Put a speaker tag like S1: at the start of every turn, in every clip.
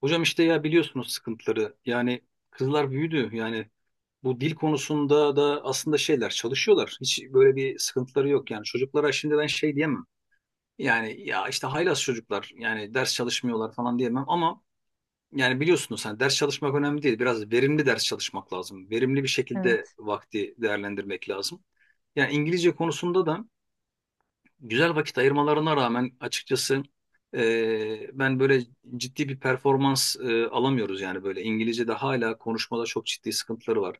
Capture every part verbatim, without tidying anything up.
S1: Hocam işte ya biliyorsunuz sıkıntıları. Yani kızlar büyüdü. Yani bu dil konusunda da aslında şeyler çalışıyorlar. Hiç böyle bir sıkıntıları yok. Yani çocuklara şimdi ben şey diyemem. Yani ya işte haylaz çocuklar yani ders çalışmıyorlar falan diyemem ama yani biliyorsunuz hani ders çalışmak önemli değil. Biraz verimli ders çalışmak lazım. Verimli bir şekilde
S2: Evet.
S1: vakti değerlendirmek lazım. Yani İngilizce konusunda da güzel vakit ayırmalarına rağmen açıkçası e, ben böyle ciddi bir performans e, alamıyoruz yani böyle İngilizce'de hala konuşmada çok ciddi sıkıntıları var.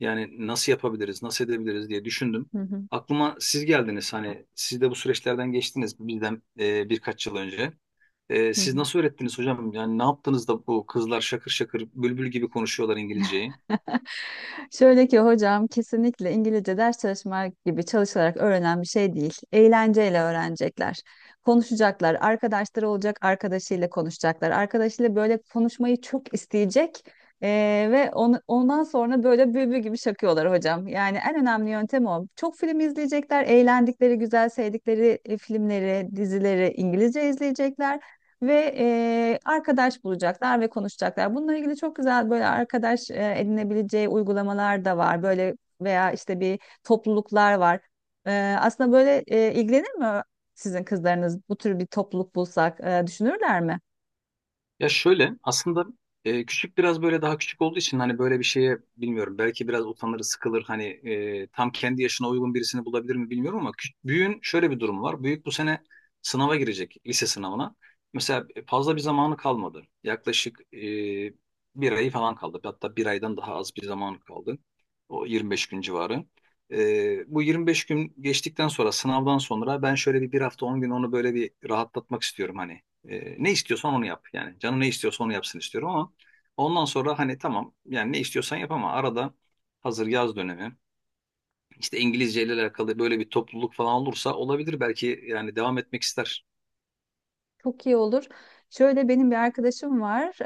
S1: Yani nasıl yapabiliriz, nasıl edebiliriz diye düşündüm.
S2: Hı hı.
S1: Aklıma siz geldiniz hani siz de bu süreçlerden geçtiniz bizden e, birkaç yıl önce. E,
S2: Hı
S1: siz
S2: hı.
S1: nasıl öğrettiniz hocam? Yani ne yaptınız da bu kızlar şakır şakır bülbül gibi konuşuyorlar İngilizceyi?
S2: Şöyle ki hocam, kesinlikle İngilizce ders çalışmak gibi çalışarak öğrenen bir şey değil. Eğlenceyle öğrenecekler. Konuşacaklar, arkadaşları olacak, arkadaşıyla konuşacaklar. Arkadaşıyla böyle konuşmayı çok isteyecek. Ee, ve onu, ondan sonra böyle bülbül gibi şakıyorlar hocam. Yani en önemli yöntem o. Çok film izleyecekler, eğlendikleri, güzel sevdikleri e, filmleri, dizileri İngilizce izleyecekler. ve e, arkadaş bulacaklar ve konuşacaklar. Bununla ilgili çok güzel böyle arkadaş e, edinebileceği uygulamalar da var. Böyle veya işte bir topluluklar var. E, aslında böyle e, ilgilenir mi sizin kızlarınız, bu tür bir topluluk bulsak e, düşünürler mi?
S1: Ya şöyle aslında e, küçük biraz böyle daha küçük olduğu için hani böyle bir şeye bilmiyorum belki biraz utanır sıkılır hani e, tam kendi yaşına uygun birisini bulabilir mi bilmiyorum ama küç- büyüğün şöyle bir durum var. Büyük bu sene sınava girecek lise sınavına. Mesela e, fazla bir zamanı kalmadı. Yaklaşık e, bir ay falan kaldı. Hatta bir aydan daha az bir zamanı kaldı. O yirmi beş gün civarı. E, bu yirmi beş gün geçtikten sonra sınavdan sonra ben şöyle bir bir hafta on gün onu böyle bir rahatlatmak istiyorum hani. E, ne istiyorsan onu yap yani. Canı ne istiyorsa onu yapsın istiyorum ama ondan sonra hani tamam yani ne istiyorsan yap ama arada hazır yaz dönemi işte İngilizce ile alakalı böyle bir topluluk falan olursa olabilir belki yani devam etmek ister.
S2: Çok iyi olur. Şöyle benim bir arkadaşım var.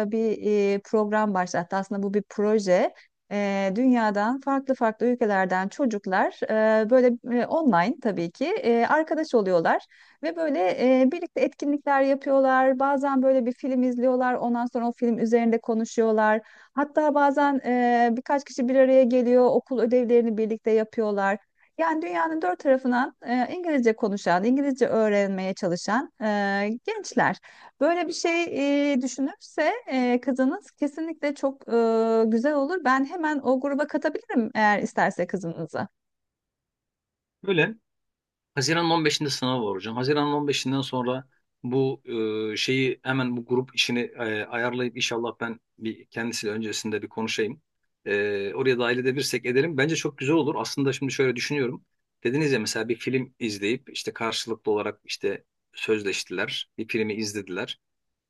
S2: Ee, bir e, program başlattı. Aslında bu bir proje. Ee, dünyadan farklı farklı ülkelerden çocuklar e, böyle e, online, tabii ki e, arkadaş oluyorlar ve böyle e, birlikte etkinlikler yapıyorlar. Bazen böyle bir film izliyorlar. Ondan sonra o film üzerinde konuşuyorlar. Hatta bazen e, birkaç kişi bir araya geliyor. Okul ödevlerini birlikte yapıyorlar. Yani dünyanın dört tarafından e, İngilizce konuşan, İngilizce öğrenmeye çalışan e, gençler. Böyle bir şey e, düşünürse e, kızınız kesinlikle çok e, güzel olur. Ben hemen o gruba katabilirim, eğer isterse kızınızı.
S1: Böyle Haziran'ın on beşinde sınav var hocam. Haziran'ın on beşinden sonra bu e, şeyi hemen bu grup işini e, ayarlayıp inşallah ben bir kendisiyle öncesinde bir konuşayım. E, oraya dahil edebilirsek edelim. Bence çok güzel olur. Aslında şimdi şöyle düşünüyorum. Dediniz ya mesela bir film izleyip işte karşılıklı olarak işte sözleştiler. Bir filmi izlediler.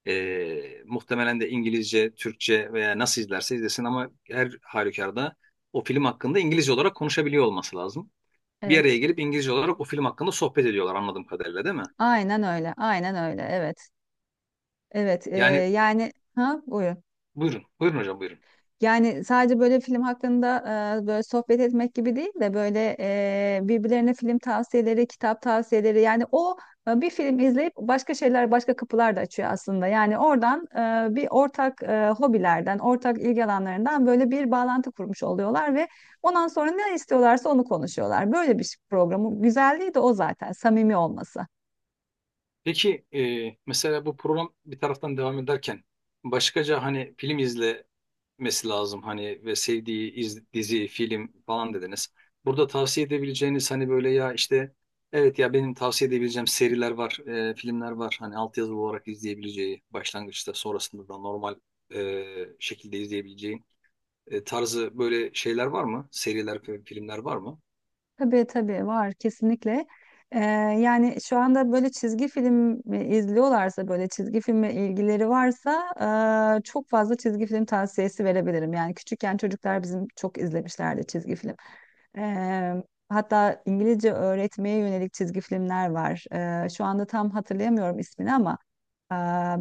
S1: E, muhtemelen de İngilizce, Türkçe veya nasıl izlerse izlesin ama her halükarda o film hakkında İngilizce olarak konuşabiliyor olması lazım, bir araya
S2: Evet.
S1: gelip İngilizce olarak o film hakkında sohbet ediyorlar anladığım kadarıyla değil mi?
S2: Aynen öyle, aynen öyle, evet. Evet, e,
S1: Yani
S2: yani ha, buyur.
S1: buyurun, buyurun hocam buyurun.
S2: Yani sadece böyle film hakkında e, böyle sohbet etmek gibi değil de, böyle e, birbirlerine film tavsiyeleri, kitap tavsiyeleri, yani o e, bir film izleyip başka şeyler, başka kapılar da açıyor aslında. Yani oradan e, bir ortak e, hobilerden, ortak ilgi alanlarından böyle bir bağlantı kurmuş oluyorlar ve ondan sonra ne istiyorlarsa onu konuşuyorlar. Böyle bir programın güzelliği de o, zaten samimi olması.
S1: Peki e, mesela bu program bir taraftan devam ederken başkaca hani film izlemesi lazım hani ve sevdiği iz- dizi, film falan dediniz. Burada tavsiye edebileceğiniz hani böyle ya işte evet ya benim tavsiye edebileceğim seriler var, e, filmler var. Hani altyazılı olarak izleyebileceği başlangıçta sonrasında da normal e, şekilde izleyebileceği. E, tarzı böyle şeyler var mı? Seriler, fi- filmler var mı?
S2: Tabii tabii var, kesinlikle. Ee, yani şu anda böyle çizgi film izliyorlarsa, böyle çizgi filme ilgileri varsa e, çok fazla çizgi film tavsiyesi verebilirim. Yani küçükken çocuklar bizim çok izlemişlerdi çizgi film. Ee, hatta İngilizce öğretmeye yönelik çizgi filmler var. Ee, şu anda tam hatırlayamıyorum ismini ama e,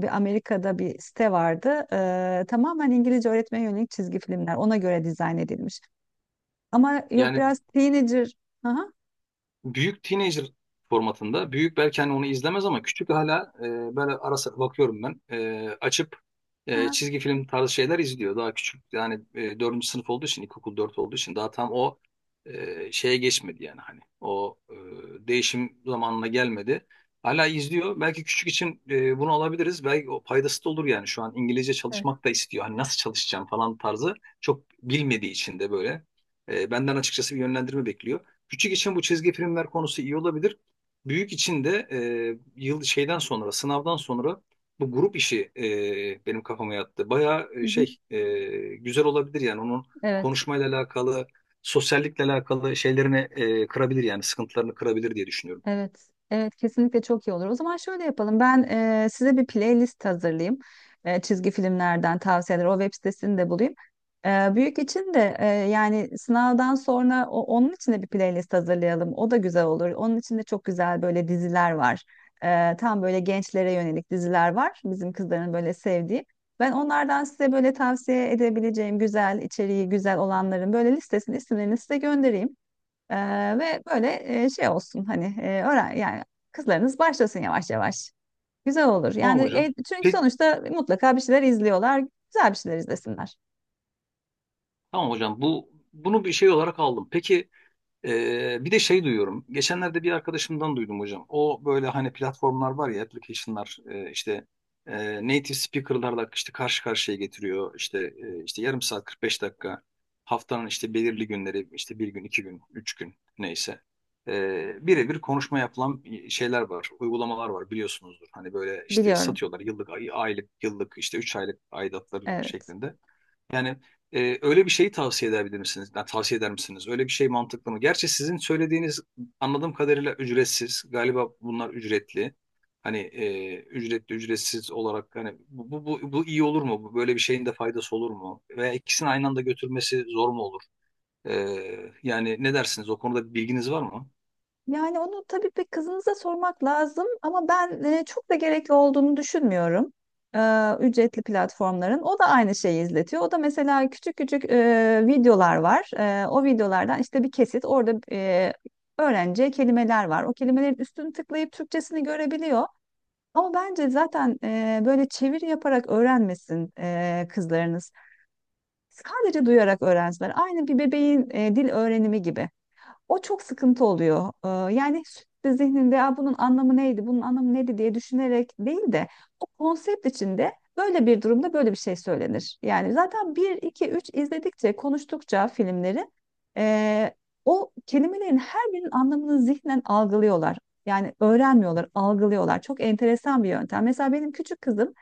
S2: bir Amerika'da bir site vardı. Ee, tamamen İngilizce öğretmeye yönelik çizgi filmler. Ona göre dizayn edilmiş. Ama yok,
S1: Yani
S2: biraz teenager. Aha.
S1: büyük teenager formatında. Büyük belki hani onu izlemez ama küçük hala e, böyle ara sıra bakıyorum ben. E, açıp e, çizgi film tarzı şeyler izliyor. Daha küçük yani e, dördüncü sınıf olduğu için ilkokul dört olduğu için daha tam o e, şeye geçmedi yani hani o e, değişim zamanına gelmedi. Hala izliyor. Belki küçük için e, bunu alabiliriz. Belki o faydası da olur yani. Şu an İngilizce
S2: Evet.
S1: çalışmak da istiyor. Hani nasıl çalışacağım falan tarzı çok bilmediği için de böyle. E, benden açıkçası bir yönlendirme bekliyor. Küçük için bu çizgi filmler konusu iyi olabilir. Büyük için de e, yıl şeyden sonra, sınavdan sonra bu grup işi e, benim kafama yattı. Bayağı
S2: Hı
S1: e,
S2: hı.
S1: şey e, güzel olabilir yani onun
S2: Evet.
S1: konuşmayla alakalı, sosyallikle alakalı şeylerini e, kırabilir yani sıkıntılarını kırabilir diye düşünüyorum.
S2: Evet. Evet. Kesinlikle çok iyi olur. O zaman şöyle yapalım. Ben e, size bir playlist hazırlayayım. E, çizgi filmlerden tavsiyeler. O web sitesini de bulayım. E, büyük için de e, yani sınavdan sonra, o, onun için de bir playlist hazırlayalım. O da güzel olur. Onun için de çok güzel böyle diziler var. E, tam böyle gençlere yönelik diziler var. Bizim kızların böyle sevdiği. Ben onlardan size böyle tavsiye edebileceğim güzel içeriği güzel olanların böyle listesini, isimlerini size göndereyim. Eee, ve böyle eee, şey olsun, hani eee, öğren, yani kızlarınız başlasın yavaş yavaş. Güzel olur.
S1: Tamam
S2: Yani
S1: hocam.
S2: e, çünkü
S1: Peki,
S2: sonuçta mutlaka bir şeyler izliyorlar. Güzel bir şeyler izlesinler.
S1: tamam hocam. Bu bunu bir şey olarak aldım. Peki, Ee, bir de şey duyuyorum. Geçenlerde bir arkadaşımdan duydum hocam. O böyle hani platformlar var ya application'lar e, işte e, native speaker'larla işte karşı karşıya getiriyor. İşte e, işte yarım saat kırk beş dakika haftanın işte belirli günleri işte bir gün, iki gün, üç gün neyse. E, birebir konuşma yapılan şeyler var, uygulamalar var biliyorsunuzdur. Hani böyle işte
S2: Biliyorum.
S1: satıyorlar yıllık, ay- aylık, yıllık işte üç aylık aidatları
S2: Evet.
S1: şeklinde. Yani e, öyle bir şeyi tavsiye edebilir misiniz? Yani tavsiye eder misiniz? Öyle bir şey mantıklı mı? Gerçi sizin söylediğiniz anladığım kadarıyla ücretsiz. Galiba bunlar ücretli. Hani e, ücretli ücretsiz olarak hani bu, bu, bu, bu iyi olur mu? Bu- Böyle bir şeyin de faydası olur mu? Veya ikisini aynı anda götürmesi zor mu olur? E, Yani ne dersiniz? O konuda bir bilginiz var mı?
S2: Yani onu tabii bir kızınıza sormak lazım ama ben eee, çok da gerekli olduğunu düşünmüyorum. Eee, ücretli platformların. O da aynı şeyi izletiyor. O da mesela küçük küçük eee, videolar var. Eee, o videolardan işte bir kesit orada eee öğrenci kelimeler var. O kelimelerin üstünü tıklayıp Türkçesini görebiliyor. Ama bence zaten e, böyle çeviri yaparak öğrenmesin e, kızlarınız. Sadece duyarak öğrensinler. Aynı bir bebeğin e, dil öğrenimi gibi. O çok sıkıntı oluyor. Ee, yani sürekli zihninde "Aa, bunun anlamı neydi, bunun anlamı neydi" diye düşünerek değil de, o konsept içinde, böyle bir durumda böyle bir şey söylenir. Yani zaten bir iki üç izledikçe, konuştukça filmleri e, o kelimelerin her birinin anlamını zihnen algılıyorlar. Yani öğrenmiyorlar, algılıyorlar. Çok enteresan bir yöntem. Mesela benim küçük kızım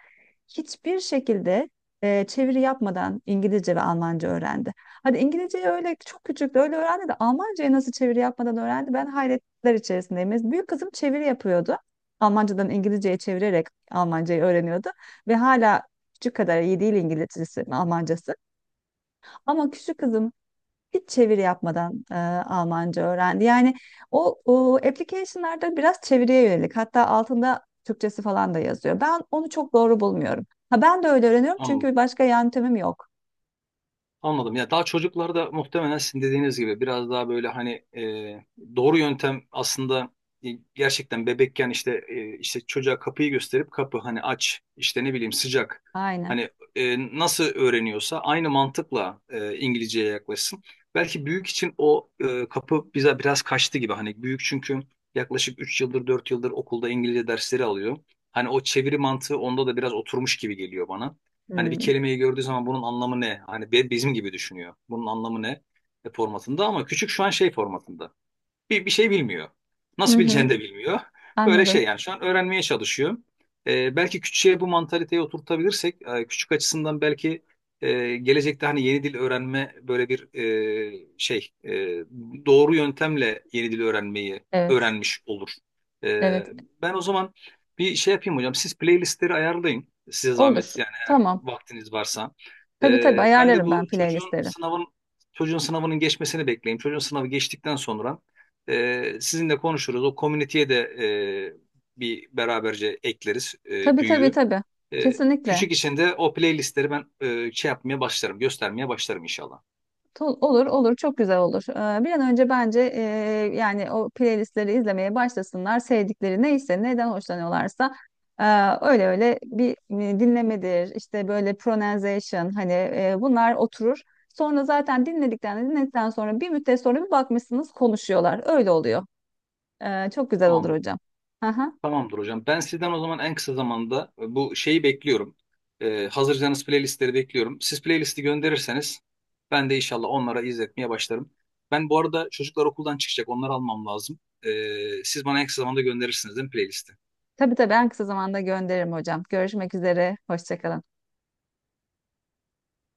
S2: hiçbir şekilde e, çeviri yapmadan İngilizce ve Almanca öğrendi. Hadi İngilizceyi öyle çok küçük de öyle öğrendi de, Almancayı nasıl çeviri yapmadan öğrendi, ben hayretler içerisindeyim. Mes- Büyük kızım çeviri yapıyordu. Almancadan İngilizceye çevirerek Almancayı öğreniyordu ve hala küçük kadar iyi değil İngilizcesi, Almancası. Ama küçük kızım hiç çeviri yapmadan e, Almanca öğrendi. Yani o, o application'larda biraz çeviriye yönelik. Hatta altında Türkçesi falan da yazıyor. Ben onu çok doğru bulmuyorum. Ha, ben de öyle öğreniyorum
S1: Anladım.
S2: çünkü başka yöntemim yok.
S1: Anladım. Ya daha çocuklarda muhtemelen sizin dediğiniz gibi biraz daha böyle hani e, doğru yöntem aslında e, gerçekten bebekken işte e, işte çocuğa kapıyı gösterip kapı hani aç işte ne bileyim sıcak
S2: Aynen.
S1: hani e, nasıl öğreniyorsa aynı mantıkla e, İngilizceye yaklaşsın. Belki büyük için o e, kapı bize biraz kaçtı gibi hani büyük çünkü yaklaşık üç yıldır dört yıldır okulda İngilizce dersleri alıyor. Hani o çeviri mantığı onda da biraz oturmuş gibi geliyor bana. Hani bir
S2: Hmm.
S1: kelimeyi gördüğü zaman bunun anlamı ne? Hani be- bizim gibi düşünüyor. Bunun anlamı ne? E, formatında ama küçük şu an şey formatında bir, bir şey bilmiyor.
S2: Hı
S1: Nasıl
S2: hı,
S1: bileceğini de bilmiyor. Böyle şey
S2: anladım.
S1: yani şu an öğrenmeye çalışıyor. Ee, belki küçüğe bu mantaliteyi oturtabilirsek e, küçük açısından belki e, gelecekte hani yeni dil öğrenme böyle bir e, şey e, doğru yöntemle yeni dil öğrenmeyi
S2: Evet.
S1: öğrenmiş olur. E,
S2: Evet.
S1: Ben o zaman bir şey yapayım hocam. Siz playlistleri ayarlayın. Size
S2: Olur.
S1: zahmet yani eğer
S2: Tamam.
S1: vaktiniz varsa.
S2: Tabii tabii
S1: E, ben de
S2: ayarlarım ben
S1: bu çocuğun
S2: playlistleri.
S1: sınavın çocuğun sınavının geçmesini bekleyeyim. Çocuğun sınavı geçtikten sonra e, sizinle konuşuruz. O komüniteye de e, bir beraberce ekleriz e,
S2: Tabii tabii
S1: büyüğü.
S2: tabii.
S1: E,
S2: Kesinlikle.
S1: küçük içinde o playlistleri ben e, şey yapmaya başlarım, göstermeye başlarım inşallah.
S2: Tol- Olur olur, çok güzel olur. Ee, Bir an önce bence e, yani o playlistleri izlemeye başlasınlar. Sevdikleri neyse, neden hoşlanıyorlarsa e, öyle öyle bir e, dinlemedir, işte böyle pronunciation, hani e, bunlar oturur. Sonra zaten dinledikten dinledikten sonra, bir müddet sonra bir bakmışsınız konuşuyorlar. Öyle oluyor. Ee, Çok güzel olur
S1: Tamamdır.
S2: hocam. Aha.
S1: Tamamdır hocam. Ben sizden o zaman en kısa zamanda e, bu şeyi bekliyorum. Ee, hazırsanız playlistleri bekliyorum. Siz playlisti gönderirseniz ben de inşallah onlara izletmeye başlarım. Ben bu arada çocuklar okuldan çıkacak. Onları almam lazım. Ee, siz bana en kısa zamanda gönderirsiniz değil mi playlisti?
S2: Tabii tabii, en kısa zamanda gönderirim hocam. Görüşmek üzere. Hoşça kalın.